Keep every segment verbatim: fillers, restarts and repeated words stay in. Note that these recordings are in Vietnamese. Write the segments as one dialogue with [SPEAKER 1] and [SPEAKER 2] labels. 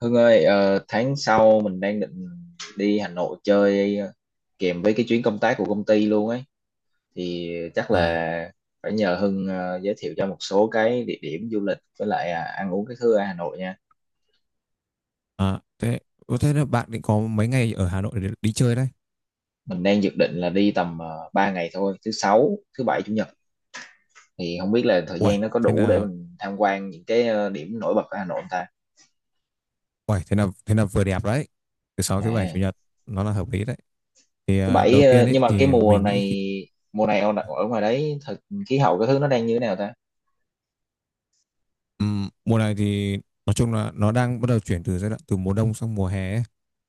[SPEAKER 1] Hưng ơi, ờ, tháng sau mình đang định đi Hà Nội chơi, ờ, kèm với cái chuyến công tác của công ty luôn ấy. Thì chắc
[SPEAKER 2] À,
[SPEAKER 1] là phải nhờ Hưng ờ, giới thiệu cho một số cái địa điểm du lịch, với lại à, ăn uống cái thứ ở Hà Nội nha.
[SPEAKER 2] à, thế ừ, Thế là bạn định có mấy ngày ở Hà Nội để đi chơi đấy?
[SPEAKER 1] Mình đang dự định là đi tầm uh, ba ngày thôi, thứ sáu, thứ bảy, chủ nhật. Thì không biết là thời
[SPEAKER 2] Uầy,
[SPEAKER 1] gian nó có
[SPEAKER 2] thế
[SPEAKER 1] đủ để
[SPEAKER 2] là
[SPEAKER 1] mình tham quan những cái ờ, điểm nổi bật ở Hà Nội không ta.
[SPEAKER 2] uầy, thế là thế là vừa đẹp đấy. Thứ sáu, thứ bảy, chủ
[SPEAKER 1] À,
[SPEAKER 2] nhật nó là hợp lý đấy. Thì
[SPEAKER 1] thứ
[SPEAKER 2] à,
[SPEAKER 1] bảy.
[SPEAKER 2] đầu tiên
[SPEAKER 1] ờ,
[SPEAKER 2] ấy
[SPEAKER 1] nhưng mà cái
[SPEAKER 2] thì
[SPEAKER 1] mùa
[SPEAKER 2] mình nghĩ
[SPEAKER 1] này,
[SPEAKER 2] khi,
[SPEAKER 1] mùa này ở ở ngoài đấy thật, khí hậu cái thứ nó đang như thế nào ta?
[SPEAKER 2] ừm, mùa này thì nói chung là nó đang bắt đầu chuyển từ giai đoạn từ mùa đông sang mùa hè ấy.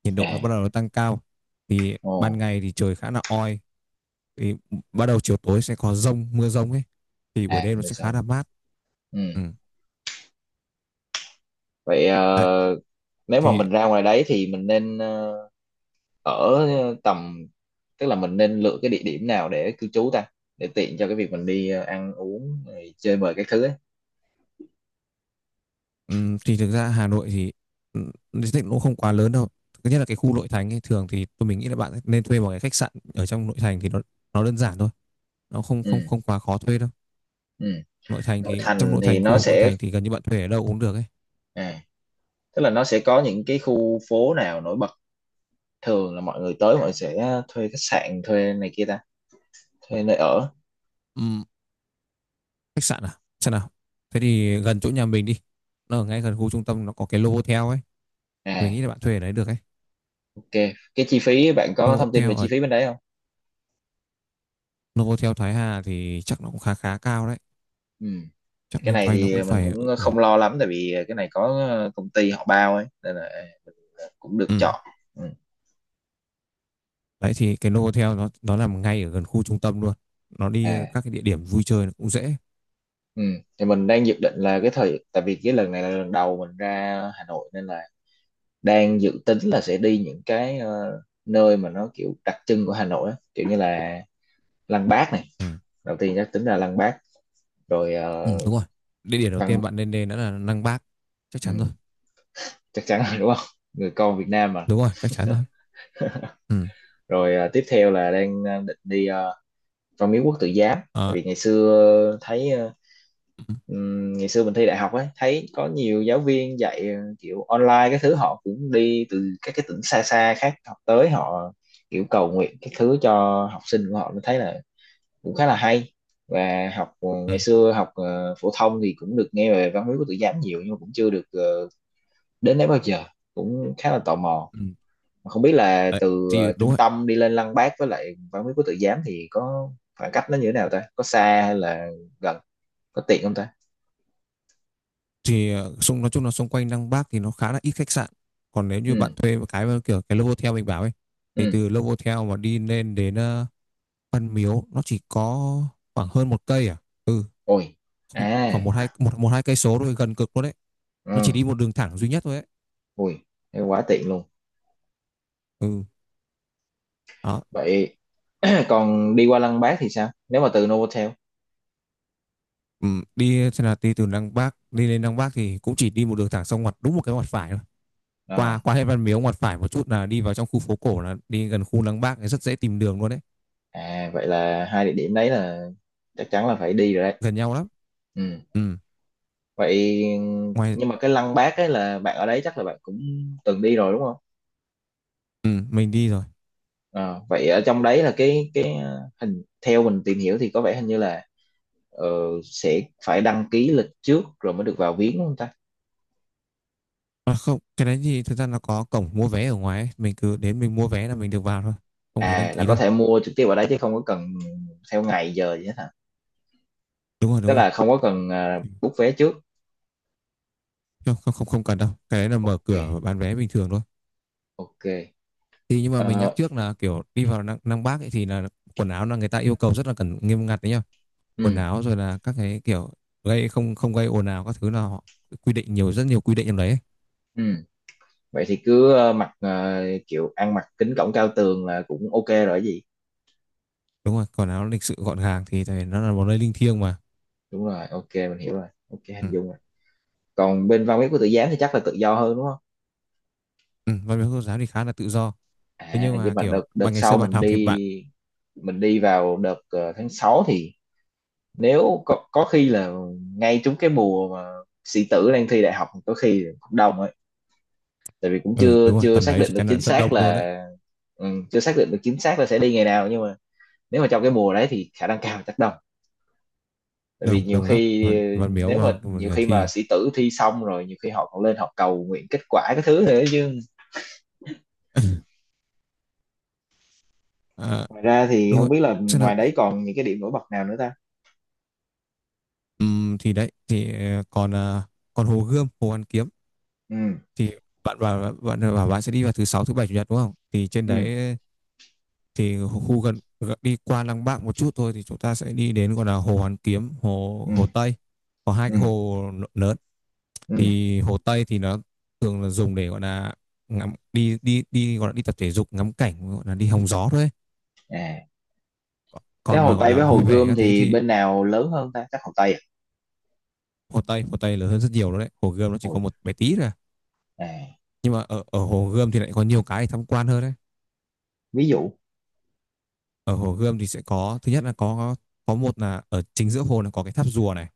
[SPEAKER 2] Nhiệt độ nó
[SPEAKER 1] À.
[SPEAKER 2] bắt đầu nó tăng cao. Thì
[SPEAKER 1] Ồ.
[SPEAKER 2] ban ngày thì trời khá là oi. Thì bắt đầu chiều tối sẽ có dông, mưa dông ấy. Thì buổi
[SPEAKER 1] À,
[SPEAKER 2] đêm nó
[SPEAKER 1] mua
[SPEAKER 2] sẽ khá là
[SPEAKER 1] sắm.
[SPEAKER 2] mát. Ừ.
[SPEAKER 1] Ừ. Vậy
[SPEAKER 2] Đấy.
[SPEAKER 1] ờ, nếu mà
[SPEAKER 2] Thì
[SPEAKER 1] mình ra ngoài đấy thì mình nên, ờ, ở tầm, tức là mình nên lựa cái địa điểm nào để cư trú ta, để tiện cho cái việc mình đi ờ, ăn uống rồi chơi bời các thứ ấy.
[SPEAKER 2] Ừm, thì thực ra Hà Nội thì ừm, diện tích nó cũng không quá lớn đâu. Thứ nhất là cái khu nội thành ấy, thường thì tôi mình nghĩ là bạn nên thuê một cái khách sạn ở trong nội thành thì nó nó đơn giản thôi, nó không không
[SPEAKER 1] Ừ.
[SPEAKER 2] không quá khó thuê đâu.
[SPEAKER 1] Ừ.
[SPEAKER 2] Nội thành
[SPEAKER 1] Nội
[SPEAKER 2] thì trong
[SPEAKER 1] thành
[SPEAKER 2] nội
[SPEAKER 1] thì
[SPEAKER 2] thành
[SPEAKER 1] nó
[SPEAKER 2] khu nội
[SPEAKER 1] sẽ,
[SPEAKER 2] thành thì gần như bạn thuê ở đâu cũng được ấy.
[SPEAKER 1] à, tức là nó sẽ có những cái khu phố nào nổi bật, thường là mọi người tới mọi người sẽ ờ, thuê khách sạn, thuê này kia ta, thuê nơi ở.
[SPEAKER 2] Ừm, khách sạn à? Sao nào? Thế thì gần chỗ nhà mình đi. Nó ở ngay gần khu trung tâm, nó có cái Novotel ấy, mình
[SPEAKER 1] À,
[SPEAKER 2] nghĩ là bạn thuê ở đấy được ấy.
[SPEAKER 1] ok, cái chi phí, bạn có thông tin về
[SPEAKER 2] Novotel
[SPEAKER 1] chi
[SPEAKER 2] ở
[SPEAKER 1] phí bên đấy không?
[SPEAKER 2] Novotel Thái Hà thì chắc nó cũng khá khá cao đấy.
[SPEAKER 1] Ừ.
[SPEAKER 2] Chắc
[SPEAKER 1] Cái
[SPEAKER 2] loanh
[SPEAKER 1] này
[SPEAKER 2] quanh nó cũng
[SPEAKER 1] thì mình
[SPEAKER 2] phải
[SPEAKER 1] cũng
[SPEAKER 2] ừ,
[SPEAKER 1] không lo lắm, tại vì cái này có, ờ, công ty họ bao ấy, nên là cũng được
[SPEAKER 2] ừ,
[SPEAKER 1] chọn. Ừ.
[SPEAKER 2] đấy thì cái Novotel nó nó nằm ngay ở gần khu trung tâm luôn, nó đi
[SPEAKER 1] À.
[SPEAKER 2] các cái địa điểm vui chơi nó cũng dễ.
[SPEAKER 1] Ừ. Thì mình đang dự định là cái thời, tại vì cái lần này là lần đầu mình ra Hà Nội nên là đang dự tính là sẽ đi những cái ờ, nơi mà nó kiểu đặc trưng của Hà Nội á. Kiểu như là Lăng Bác này,
[SPEAKER 2] Ừ.
[SPEAKER 1] đầu tiên chắc tính là Lăng Bác, rồi
[SPEAKER 2] Ừ
[SPEAKER 1] ờ,
[SPEAKER 2] đúng rồi, địa điểm đầu tiên
[SPEAKER 1] Văn.
[SPEAKER 2] bạn nên đến đó là Năng Bác, chắc chắn rồi.
[SPEAKER 1] Ừ, chắc chắn rồi đúng không, người con Việt Nam mà.
[SPEAKER 2] Đúng rồi, chắc chắn rồi. Ừ.
[SPEAKER 1] Rồi ờ, tiếp theo là đang, ờ, định đi, ờ, Văn Miếu Quốc Tử Giám. Tại
[SPEAKER 2] Ờ.
[SPEAKER 1] vì ngày xưa thấy, ờ,
[SPEAKER 2] Ừ.
[SPEAKER 1] Ừm, ngày xưa mình thi đại học ấy, thấy có nhiều giáo viên dạy ờ, kiểu online cái thứ, họ cũng đi từ các cái tỉnh xa xa khác học tới, họ kiểu cầu nguyện cái thứ cho học sinh của họ, mình thấy là cũng khá là hay. Và học ờ,
[SPEAKER 2] Ừ.
[SPEAKER 1] ngày xưa học ờ, phổ thông thì cũng được nghe về văn hóa của tự giám nhiều, nhưng mà cũng chưa được ờ, đến đấy bao giờ, cũng khá là tò mò.
[SPEAKER 2] Ừ.
[SPEAKER 1] Mà không biết là
[SPEAKER 2] Đấy
[SPEAKER 1] từ ờ,
[SPEAKER 2] thì đúng
[SPEAKER 1] trung
[SPEAKER 2] rồi.
[SPEAKER 1] tâm đi lên Lăng Bác với lại văn hóa của tự giám thì có khoảng cách nó như thế nào ta, có xa hay là gần, có tiện không ta?
[SPEAKER 2] Thì ờ, xung nói chung là xung quanh Năng Bác thì nó khá là ít khách sạn, còn nếu như
[SPEAKER 1] Ừ.
[SPEAKER 2] bạn thuê một cái kiểu cái Novotel mình bảo ấy thì
[SPEAKER 1] Ừ.
[SPEAKER 2] từ Novotel mà đi lên đến ờ, Văn Miếu nó chỉ có khoảng hơn một cây à. Ừ,
[SPEAKER 1] Ôi. À.
[SPEAKER 2] khoảng một hai một một hai cây số thôi, gần cực luôn đấy, nó chỉ
[SPEAKER 1] Ừ.
[SPEAKER 2] đi một đường thẳng duy nhất thôi ấy.
[SPEAKER 1] Ui, thế quá tiện luôn.
[SPEAKER 2] Ừ. Đó.
[SPEAKER 1] Vậy còn đi qua Lăng Bác thì sao, nếu mà từ Novotel?
[SPEAKER 2] ừ, Đi xem là đi từ Đăng Bác, đi lên Đăng Bác thì cũng chỉ đi một đường thẳng xong ngoặt đúng một cái ngoặt phải thôi,
[SPEAKER 1] Ờ.
[SPEAKER 2] qua qua hết Văn Miếu ngoặt phải một chút là đi vào trong khu phố cổ, là đi gần khu Đăng Bác thì rất dễ tìm đường luôn đấy,
[SPEAKER 1] À, vậy là hai địa điểm đấy là chắc chắn là phải đi rồi đấy.
[SPEAKER 2] gần nhau lắm.
[SPEAKER 1] Ừ.
[SPEAKER 2] Ừ.
[SPEAKER 1] Vậy,
[SPEAKER 2] Ngoài.
[SPEAKER 1] nhưng mà cái Lăng Bác ấy, là bạn ở đấy chắc là bạn cũng từng đi rồi đúng không?
[SPEAKER 2] Ừ mình đi rồi.
[SPEAKER 1] Ờ, vậy ở trong đấy là cái cái ờ, hình, theo mình tìm hiểu thì có vẻ hình như là ờ, sẽ phải đăng ký lịch trước rồi mới được vào viếng đúng không ta?
[SPEAKER 2] À, không, cái đấy thì thực ra nó có cổng mua vé ở ngoài ấy. Mình cứ đến mình mua vé là mình được vào thôi, không phải đăng
[SPEAKER 1] À, là
[SPEAKER 2] ký
[SPEAKER 1] có
[SPEAKER 2] đâu.
[SPEAKER 1] thể mua trực tiếp ở đấy chứ không có cần theo ngày giờ gì hết hả?
[SPEAKER 2] Đúng rồi,
[SPEAKER 1] Tức
[SPEAKER 2] đúng rồi.
[SPEAKER 1] là không có cần uh,
[SPEAKER 2] Ừ.
[SPEAKER 1] book vé trước.
[SPEAKER 2] không không không, không cần đâu, cái đấy là mở
[SPEAKER 1] Ok,
[SPEAKER 2] cửa bán vé bình thường thôi.
[SPEAKER 1] ok.
[SPEAKER 2] Thì nhưng mà mình nhắc
[SPEAKER 1] Ờ.
[SPEAKER 2] trước là kiểu đi vào Nam, Nam Bắc ấy thì là quần áo là người ta yêu cầu rất là cẩn nghiêm ngặt đấy nhá. Quần
[SPEAKER 1] Ừ.
[SPEAKER 2] áo rồi là các cái kiểu gây không không gây ồn ào các thứ là họ quy định nhiều, rất nhiều quy định trong đấy ấy.
[SPEAKER 1] Ừ. Vậy thì cứ ờ, mặc ờ, kiểu ăn mặc kính cổng cao tường là cũng ok rồi, cái gì.
[SPEAKER 2] Đúng rồi, quần áo lịch sự gọn gàng thì tại vì nó là một nơi linh thiêng mà.
[SPEAKER 1] Đúng rồi, ok, mình hiểu rồi, ok,
[SPEAKER 2] Ừ.
[SPEAKER 1] hình dung rồi. Còn bên văn viết của tự giám thì chắc là tự do hơn đúng không?
[SPEAKER 2] Ừ. Văn miếu quốc giáo thì khá là tự do. Thế
[SPEAKER 1] À,
[SPEAKER 2] nhưng
[SPEAKER 1] nhưng
[SPEAKER 2] mà
[SPEAKER 1] mà
[SPEAKER 2] kiểu
[SPEAKER 1] đợt đợt
[SPEAKER 2] bạn ngày xưa
[SPEAKER 1] sau
[SPEAKER 2] bạn
[SPEAKER 1] mình
[SPEAKER 2] học thì
[SPEAKER 1] đi,
[SPEAKER 2] bạn.
[SPEAKER 1] mình đi vào đợt ờ, tháng sáu thì nếu có, có khi là ngay trúng cái mùa mà sĩ tử đang thi đại học, có khi cũng đông ấy. Tại vì cũng
[SPEAKER 2] Ừ,
[SPEAKER 1] chưa
[SPEAKER 2] đúng rồi,
[SPEAKER 1] chưa
[SPEAKER 2] tầm
[SPEAKER 1] xác
[SPEAKER 2] đấy
[SPEAKER 1] định
[SPEAKER 2] chắc
[SPEAKER 1] được
[SPEAKER 2] chắn là
[SPEAKER 1] chính
[SPEAKER 2] rất
[SPEAKER 1] xác
[SPEAKER 2] đông luôn đấy.
[SPEAKER 1] là, ừ, chưa xác định được chính xác là sẽ đi ngày nào, nhưng mà nếu mà trong cái mùa đấy thì khả năng cao chắc đông. Tại vì
[SPEAKER 2] Đông
[SPEAKER 1] nhiều
[SPEAKER 2] đông lắm,
[SPEAKER 1] khi,
[SPEAKER 2] văn, văn miếu
[SPEAKER 1] nếu
[SPEAKER 2] và
[SPEAKER 1] mà nhiều
[SPEAKER 2] và
[SPEAKER 1] khi mà
[SPEAKER 2] thì
[SPEAKER 1] sĩ tử thi xong rồi, nhiều khi họ còn lên họ cầu nguyện kết quả cái thứ thế chứ.
[SPEAKER 2] à,
[SPEAKER 1] Ngoài ra thì
[SPEAKER 2] đúng
[SPEAKER 1] không
[SPEAKER 2] rồi.
[SPEAKER 1] biết là
[SPEAKER 2] Chắc là
[SPEAKER 1] ngoài đấy còn những cái điểm nổi bật nào nữa ta?
[SPEAKER 2] ừm, thì đấy thì ờ, còn ờ, còn Hồ Gươm, Hồ Hoàn Kiếm
[SPEAKER 1] Ừ.
[SPEAKER 2] thì bạn bảo bạn bảo bạn sẽ đi vào thứ sáu, thứ bảy, chủ nhật đúng không, thì trên
[SPEAKER 1] Ừ.
[SPEAKER 2] đấy thì khu gần gần- đi qua Lăng Bác một chút thôi thì chúng ta sẽ đi đến gọi là hồ Hoàn Kiếm, hồ
[SPEAKER 1] Ừ.
[SPEAKER 2] hồ Tây, có hai
[SPEAKER 1] Ừ.
[SPEAKER 2] cái hồ lớn.
[SPEAKER 1] Ừ.
[SPEAKER 2] Thì hồ Tây thì nó thường là dùng để gọi là ngắm, đi đi đi gọi là đi tập thể dục, ngắm cảnh, gọi là đi hóng gió thôi ấy.
[SPEAKER 1] À, thế
[SPEAKER 2] Còn
[SPEAKER 1] Hồ
[SPEAKER 2] mà gọi
[SPEAKER 1] Tây
[SPEAKER 2] là
[SPEAKER 1] với Hồ
[SPEAKER 2] vui vẻ
[SPEAKER 1] Gươm
[SPEAKER 2] các thứ
[SPEAKER 1] thì
[SPEAKER 2] thì.
[SPEAKER 1] bên nào lớn hơn ta, chắc Hồ Tây à?
[SPEAKER 2] hồ Tây Hồ Tây lớn hơn rất nhiều, đó đấy, hồ Gươm nó chỉ có
[SPEAKER 1] Ôi.
[SPEAKER 2] một bé tí thôi à.
[SPEAKER 1] À.
[SPEAKER 2] Nhưng mà ở ở hồ Gươm thì lại có nhiều cái để tham quan hơn đấy.
[SPEAKER 1] Ví dụ.
[SPEAKER 2] Ở Hồ Gươm thì sẽ có, thứ nhất là có có một là ở chính giữa hồ là có cái tháp rùa này.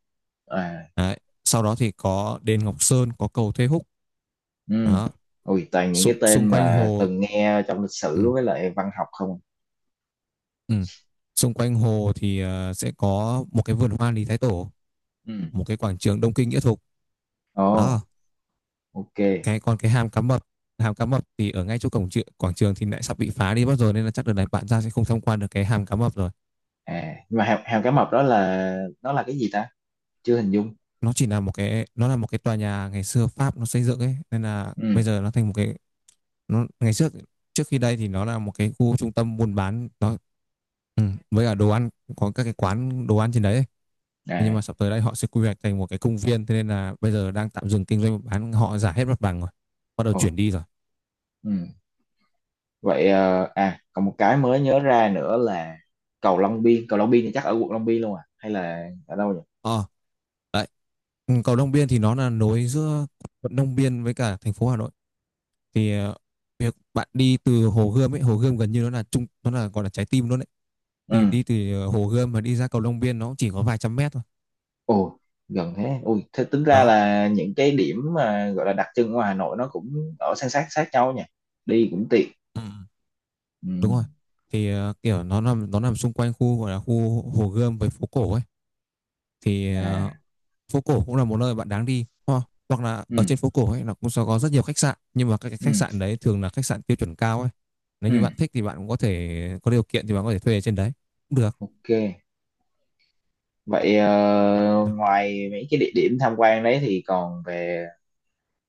[SPEAKER 1] À.
[SPEAKER 2] Đấy. Sau đó thì có đền Ngọc Sơn, có cầu Thê Húc.
[SPEAKER 1] Ừ.
[SPEAKER 2] Đó.
[SPEAKER 1] Ui, toàn những cái
[SPEAKER 2] Xung,
[SPEAKER 1] tên
[SPEAKER 2] xung quanh
[SPEAKER 1] mà
[SPEAKER 2] hồ.
[SPEAKER 1] từng nghe trong lịch
[SPEAKER 2] Ừ,
[SPEAKER 1] sử với lại văn học không.
[SPEAKER 2] ừ. Xung quanh hồ thì ờ, sẽ có một cái vườn hoa Lý Thái Tổ,
[SPEAKER 1] Ừ.
[SPEAKER 2] một cái quảng trường Đông Kinh Nghĩa Thục.
[SPEAKER 1] Ồ.
[SPEAKER 2] Đó.
[SPEAKER 1] Ok.
[SPEAKER 2] Cái còn cái hàm cá mập, hàm cá mập thì ở ngay chỗ cổng trường, quảng trường thì lại sắp bị phá đi mất rồi, nên là chắc đợt này bạn ra sẽ không tham quan được cái hàm cá mập rồi.
[SPEAKER 1] À, nhưng mà hào, hào cá mập đó là nó là cái gì ta, chưa hình dung.
[SPEAKER 2] Nó chỉ là một cái, nó là một cái tòa nhà ngày xưa Pháp nó xây dựng ấy, nên là
[SPEAKER 1] Ừ.
[SPEAKER 2] bây giờ nó thành một cái. Nó ngày trước, trước khi đây thì nó là một cái khu trung tâm buôn bán nó ừ, với cả đồ ăn, có các cái quán đồ ăn trên đấy ấy. Thế nhưng mà
[SPEAKER 1] À.
[SPEAKER 2] sắp tới đây họ sẽ quy hoạch thành một cái công viên, thế nên là bây giờ đang tạm dừng kinh doanh bán, họ giải hết mặt bằng rồi, bắt đầu
[SPEAKER 1] Ồ.
[SPEAKER 2] chuyển đi rồi.
[SPEAKER 1] Ừ. vậy ờ, à, còn một cái mới nhớ ra nữa là cầu Long Biên, cầu Long Biên thì chắc ở quận Long Biên luôn à hay là ở đâu nhỉ?
[SPEAKER 2] ờ Đấy. Ừ, cầu Long Biên thì nó là nối giữa quận Long Biên với cả thành phố Hà Nội. Thì ờ, việc bạn đi từ Hồ Gươm ấy, Hồ Gươm gần như nó là trung nó là gọi là trái tim luôn đấy,
[SPEAKER 1] Ừ.
[SPEAKER 2] thì đi từ Hồ Gươm mà đi ra cầu Long Biên nó chỉ có vài trăm mét thôi.
[SPEAKER 1] Ồ, gần thế, ui, thế tính ra
[SPEAKER 2] Đó.
[SPEAKER 1] là những cái điểm mà gọi là đặc trưng của Hà Nội nó cũng ở san sát sát nhau nha, đi cũng tiện.
[SPEAKER 2] Ừ.
[SPEAKER 1] Ừ.
[SPEAKER 2] Đúng rồi, thì ờ, kiểu nó nằm nó nằm xung quanh khu gọi là khu Hồ Gươm với phố cổ ấy. Thì ờ,
[SPEAKER 1] À.
[SPEAKER 2] phố cổ cũng là một nơi bạn đáng đi ho- hoặc là ở
[SPEAKER 1] Ừ.
[SPEAKER 2] trên phố cổ ấy nó cũng sẽ có rất nhiều khách sạn, nhưng mà các cái khách
[SPEAKER 1] Ừ.
[SPEAKER 2] sạn đấy thường là khách sạn tiêu chuẩn cao ấy. Nếu
[SPEAKER 1] Ừ.
[SPEAKER 2] như bạn thích thì bạn cũng có thể, có điều kiện thì bạn có thể thuê ở trên đấy cũng được.
[SPEAKER 1] Ok. Vậy ờ, ngoài mấy cái địa điểm tham quan đấy thì còn về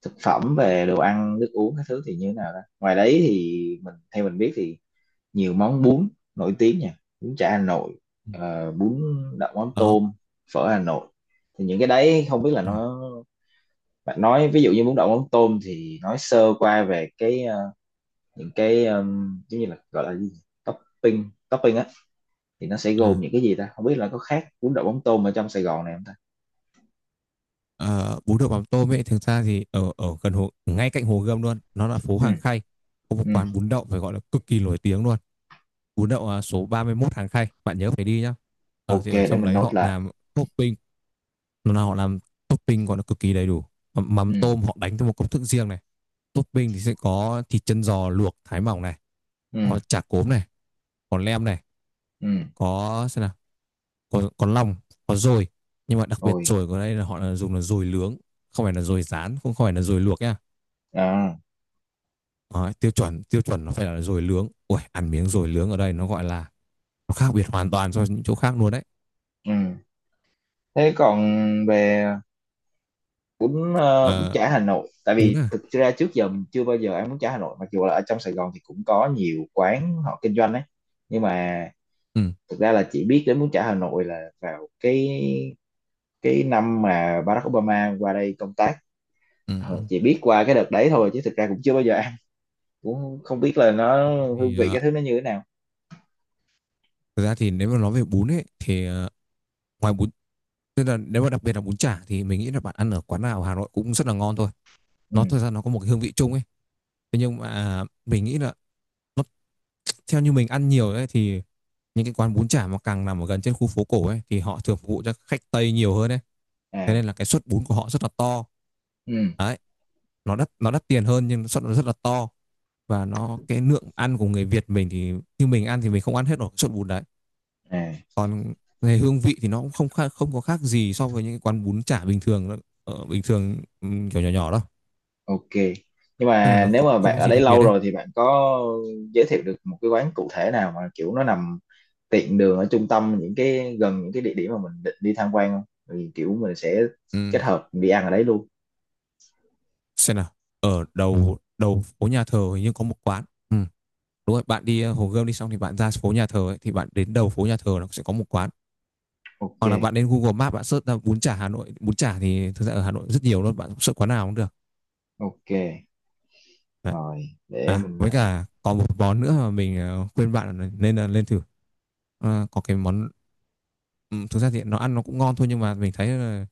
[SPEAKER 1] thực phẩm, về đồ ăn, nước uống các thứ thì như thế nào đó? Ngoài đấy thì mình, theo mình biết thì nhiều món bún nổi tiếng nha, bún chả Hà Nội,
[SPEAKER 2] Ừ.
[SPEAKER 1] ờ, bún đậu mắm
[SPEAKER 2] Đó.
[SPEAKER 1] tôm, phở Hà Nội. Thì những cái đấy không biết là
[SPEAKER 2] Ừ.
[SPEAKER 1] nó, bạn nói ví dụ như bún đậu mắm tôm thì nói sơ qua về cái ờ, những cái ờ, giống như là gọi là gì, topping, topping thì nó sẽ gồm
[SPEAKER 2] À.
[SPEAKER 1] những cái gì ta, không biết là có khác bún đậu mắm tôm ở trong Sài Gòn này không ta.
[SPEAKER 2] Ờ, bún đậu mắm tôm ấy, thực ra thì ở ở gần hồ, ngay cạnh Hồ Gươm luôn, nó là phố
[SPEAKER 1] Ừ.
[SPEAKER 2] Hàng Khay, có một
[SPEAKER 1] Ừ.
[SPEAKER 2] quán bún đậu phải gọi là cực kỳ nổi tiếng luôn. Bún đậu à, số ba mươi ba mươi mốt Hàng Khay, bạn nhớ phải đi nhá. Ờ
[SPEAKER 1] Ok,
[SPEAKER 2] thì ở
[SPEAKER 1] để
[SPEAKER 2] trong
[SPEAKER 1] mình
[SPEAKER 2] đấy
[SPEAKER 1] nốt
[SPEAKER 2] họ
[SPEAKER 1] lại.
[SPEAKER 2] làm topping, nó là họ làm topping còn nó cực kỳ đầy đủ.
[SPEAKER 1] Ừ.
[SPEAKER 2] Mắm tôm họ đánh theo một công thức riêng này. Topping thì sẽ có thịt chân giò luộc thái mỏng này,
[SPEAKER 1] Ừ.
[SPEAKER 2] có chả cốm này, có lem này,
[SPEAKER 1] Ừ.
[SPEAKER 2] có xem nào có có lòng, có dồi, nhưng mà đặc biệt
[SPEAKER 1] Rồi.
[SPEAKER 2] dồi của đây là họ là dùng là dồi nướng, không phải là dồi rán, không không phải là dồi luộc nhá.
[SPEAKER 1] À.
[SPEAKER 2] Đấy, tiêu chuẩn tiêu chuẩn nó phải là dồi nướng, ui ăn miếng dồi nướng ở đây nó gọi là nó khác biệt hoàn toàn so với những chỗ khác luôn đấy.
[SPEAKER 1] Ừ. Thế còn về bún, ờ, bún
[SPEAKER 2] Ờ,
[SPEAKER 1] chả Hà Nội, tại
[SPEAKER 2] bún
[SPEAKER 1] vì
[SPEAKER 2] à.
[SPEAKER 1] thực ra trước giờ mình chưa bao giờ ăn bún chả Hà Nội, mặc dù là ở trong Sài Gòn thì cũng có nhiều quán họ kinh doanh ấy, nhưng mà
[SPEAKER 2] Ừ.
[SPEAKER 1] thực ra là chỉ biết đến bún chả Hà Nội là vào cái cái năm mà Barack Obama qua đây công tác.
[SPEAKER 2] Ừ.
[SPEAKER 1] Ờ,
[SPEAKER 2] Ừ.
[SPEAKER 1] chỉ biết qua cái đợt đấy thôi chứ thực ra cũng chưa bao giờ, cũng không biết là nó, hương
[SPEAKER 2] Thì
[SPEAKER 1] vị
[SPEAKER 2] ờ,
[SPEAKER 1] cái thứ nó như thế nào.
[SPEAKER 2] thực ra thì nếu mà nói về bún ấy thì ờ, ngoài bún tức là nếu mà đặc biệt là bún chả thì mình nghĩ là bạn ăn ở quán nào ở Hà Nội cũng rất là ngon thôi.
[SPEAKER 1] Ừ.
[SPEAKER 2] Nó thực ra nó có một cái hương vị chung ấy. Thế nhưng mà mình nghĩ là nó, theo như mình ăn nhiều ấy thì những cái quán bún chả mà càng nằm ở gần trên khu phố cổ ấy thì họ thường phục vụ cho khách Tây nhiều hơn ấy. Thế nên
[SPEAKER 1] À.
[SPEAKER 2] là cái suất bún của họ rất là to.
[SPEAKER 1] Ừ.
[SPEAKER 2] Đấy, nó đắt nó đắt tiền hơn nhưng suất nó rất là to, và nó cái lượng ăn của người Việt mình thì như mình ăn thì mình không ăn hết nổi suất bún đấy.
[SPEAKER 1] À.
[SPEAKER 2] Còn về hương vị thì nó cũng không khác, không có khác gì so với những cái quán bún chả bình thường đâu. ở bình thường, ừ, kiểu nhỏ nhỏ đâu,
[SPEAKER 1] Ok, nhưng
[SPEAKER 2] nên là
[SPEAKER 1] mà
[SPEAKER 2] nó
[SPEAKER 1] nếu
[SPEAKER 2] không,
[SPEAKER 1] mà
[SPEAKER 2] không
[SPEAKER 1] bạn
[SPEAKER 2] có
[SPEAKER 1] ở
[SPEAKER 2] gì
[SPEAKER 1] đây
[SPEAKER 2] đặc biệt
[SPEAKER 1] lâu
[SPEAKER 2] đấy.
[SPEAKER 1] rồi thì bạn có giới thiệu được một cái quán cụ thể nào mà kiểu nó nằm tiện đường ở trung tâm, những cái gần những cái địa điểm mà mình định đi tham quan không, thì kiểu mình sẽ kết
[SPEAKER 2] Ừm,
[SPEAKER 1] hợp đi ăn ở đấy luôn.
[SPEAKER 2] xem nào, ở đầu đầu phố nhà thờ hình như có một quán. Ừm, đúng rồi, bạn đi ờ, Hồ Gươm đi xong thì bạn ra phố nhà thờ ấy, thì bạn đến đầu phố nhà thờ nó sẽ có một quán,
[SPEAKER 1] Ok.
[SPEAKER 2] hoặc là bạn đến Google Maps bạn search ra bún chả Hà Nội, bún chả thì thực ra ở Hà Nội rất nhiều luôn, bạn search quán nào cũng được.
[SPEAKER 1] Ok.
[SPEAKER 2] Đấy.
[SPEAKER 1] Rồi, để
[SPEAKER 2] À
[SPEAKER 1] mình,
[SPEAKER 2] với cả còn một món nữa mà mình ờ, khuyên bạn là nên là lên thử. Ờ, có cái món. Ừ, thực ra thì nó ăn nó cũng ngon thôi nhưng mà mình thấy là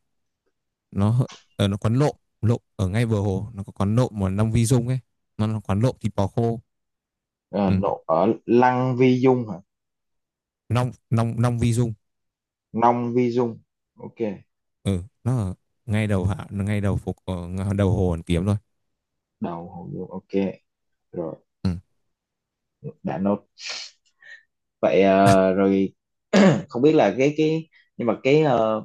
[SPEAKER 2] nó hơi- ở nó quán lộm lộm ở ngay bờ hồ, nó có quán lộm mà Long Vi Dung ấy, nó là quán lộm thịt bò khô.
[SPEAKER 1] ờ,
[SPEAKER 2] Ừ.
[SPEAKER 1] nộ ở Lăng Vi Dung hả?
[SPEAKER 2] Long Long Long Vi Dung.
[SPEAKER 1] Nông Vi Dung, ok.
[SPEAKER 2] Ừ nó ở ngay đầu hạ ngay đầu phục ở ng- đầu hồ Hoàn Kiếm thôi.
[SPEAKER 1] Đầu Hồ Dung, ok. Rồi,
[SPEAKER 2] Ừ.
[SPEAKER 1] đã nốt. Vậy ờ, rồi không biết là cái cái nhưng mà cái ờ,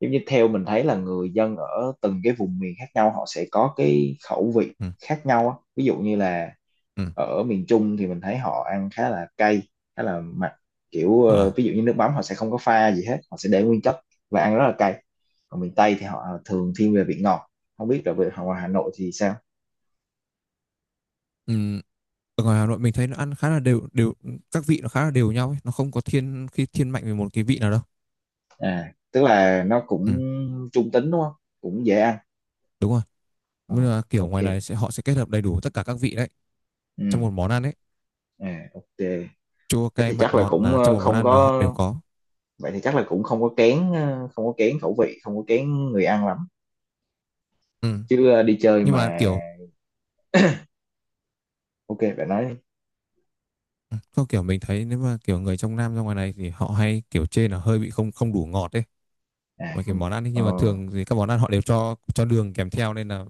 [SPEAKER 1] giống như theo mình thấy là người dân ở từng cái vùng miền khác nhau họ sẽ có cái khẩu vị
[SPEAKER 2] Ừ.
[SPEAKER 1] khác nhau á. Ví dụ như là
[SPEAKER 2] Ừ.
[SPEAKER 1] ở miền Trung thì mình thấy họ ăn khá là cay, khá là mặn, kiểu ờ,
[SPEAKER 2] À.
[SPEAKER 1] ví dụ như nước mắm họ sẽ không có pha gì hết, họ sẽ để nguyên chất, và ăn rất là cay. Còn miền Tây thì họ thường thiên về vị ngọt, không biết là về ngoài Hà Nội thì sao.
[SPEAKER 2] Ừ. Ở ngoài Hà Nội mình thấy nó ăn khá là đều đều, các vị nó khá là đều nhau ấy, nó không có thiên khi thiên mạnh về một cái vị nào đâu.
[SPEAKER 1] À, tức là nó
[SPEAKER 2] Ừ.
[SPEAKER 1] cũng trung tính đúng không, cũng dễ ăn.
[SPEAKER 2] Đúng rồi.
[SPEAKER 1] Ờ,
[SPEAKER 2] Với là kiểu
[SPEAKER 1] ok.
[SPEAKER 2] ngoài này sẽ họ sẽ kết hợp đầy đủ tất cả các vị đấy trong
[SPEAKER 1] Ừ.
[SPEAKER 2] một món ăn ấy,
[SPEAKER 1] À, ok,
[SPEAKER 2] chua
[SPEAKER 1] thế
[SPEAKER 2] cay
[SPEAKER 1] thì
[SPEAKER 2] mặn
[SPEAKER 1] chắc là
[SPEAKER 2] ngọt
[SPEAKER 1] cũng
[SPEAKER 2] là trong
[SPEAKER 1] ờ,
[SPEAKER 2] một món
[SPEAKER 1] không
[SPEAKER 2] ăn là họ
[SPEAKER 1] có,
[SPEAKER 2] đều có.
[SPEAKER 1] vậy thì chắc là cũng không có kén, ờ, không có kén khẩu vị, không có kén người ăn lắm,
[SPEAKER 2] Ừ.
[SPEAKER 1] chứ ờ, đi chơi
[SPEAKER 2] Nhưng
[SPEAKER 1] mà.
[SPEAKER 2] mà kiểu
[SPEAKER 1] Ok, bạn nói đi.
[SPEAKER 2] có kiểu mình thấy nếu mà kiểu người trong Nam ra ngoài này thì họ hay kiểu chê là hơi bị không không đủ ngọt ấy,
[SPEAKER 1] À
[SPEAKER 2] mà kiểu
[SPEAKER 1] không.
[SPEAKER 2] món ăn ấy,
[SPEAKER 1] Ờ.
[SPEAKER 2] nhưng mà thường thì các món ăn họ đều cho cho đường kèm theo, nên là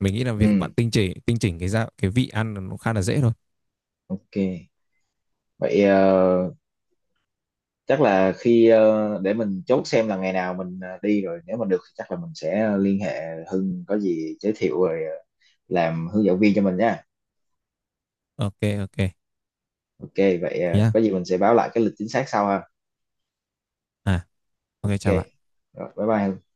[SPEAKER 2] mình nghĩ là việc
[SPEAKER 1] Ừ.
[SPEAKER 2] bạn tinh chỉnh tinh chỉnh cái gia cái vị ăn là nó khá là dễ thôi.
[SPEAKER 1] Ok, vậy ờ, chắc là khi, ờ, để mình chốt xem là ngày nào mình ờ, đi rồi, nếu mà được thì chắc là mình sẽ liên hệ Hưng có gì giới thiệu rồi ờ, làm hướng dẫn viên cho mình nha.
[SPEAKER 2] Ok ok.
[SPEAKER 1] Ok. vậy
[SPEAKER 2] Thế
[SPEAKER 1] ờ,
[SPEAKER 2] nhá.
[SPEAKER 1] có gì mình sẽ báo lại cái lịch chính xác sau ha.
[SPEAKER 2] À ok
[SPEAKER 1] Ok.
[SPEAKER 2] chào bạn.
[SPEAKER 1] Rồi, bye bye Hưng.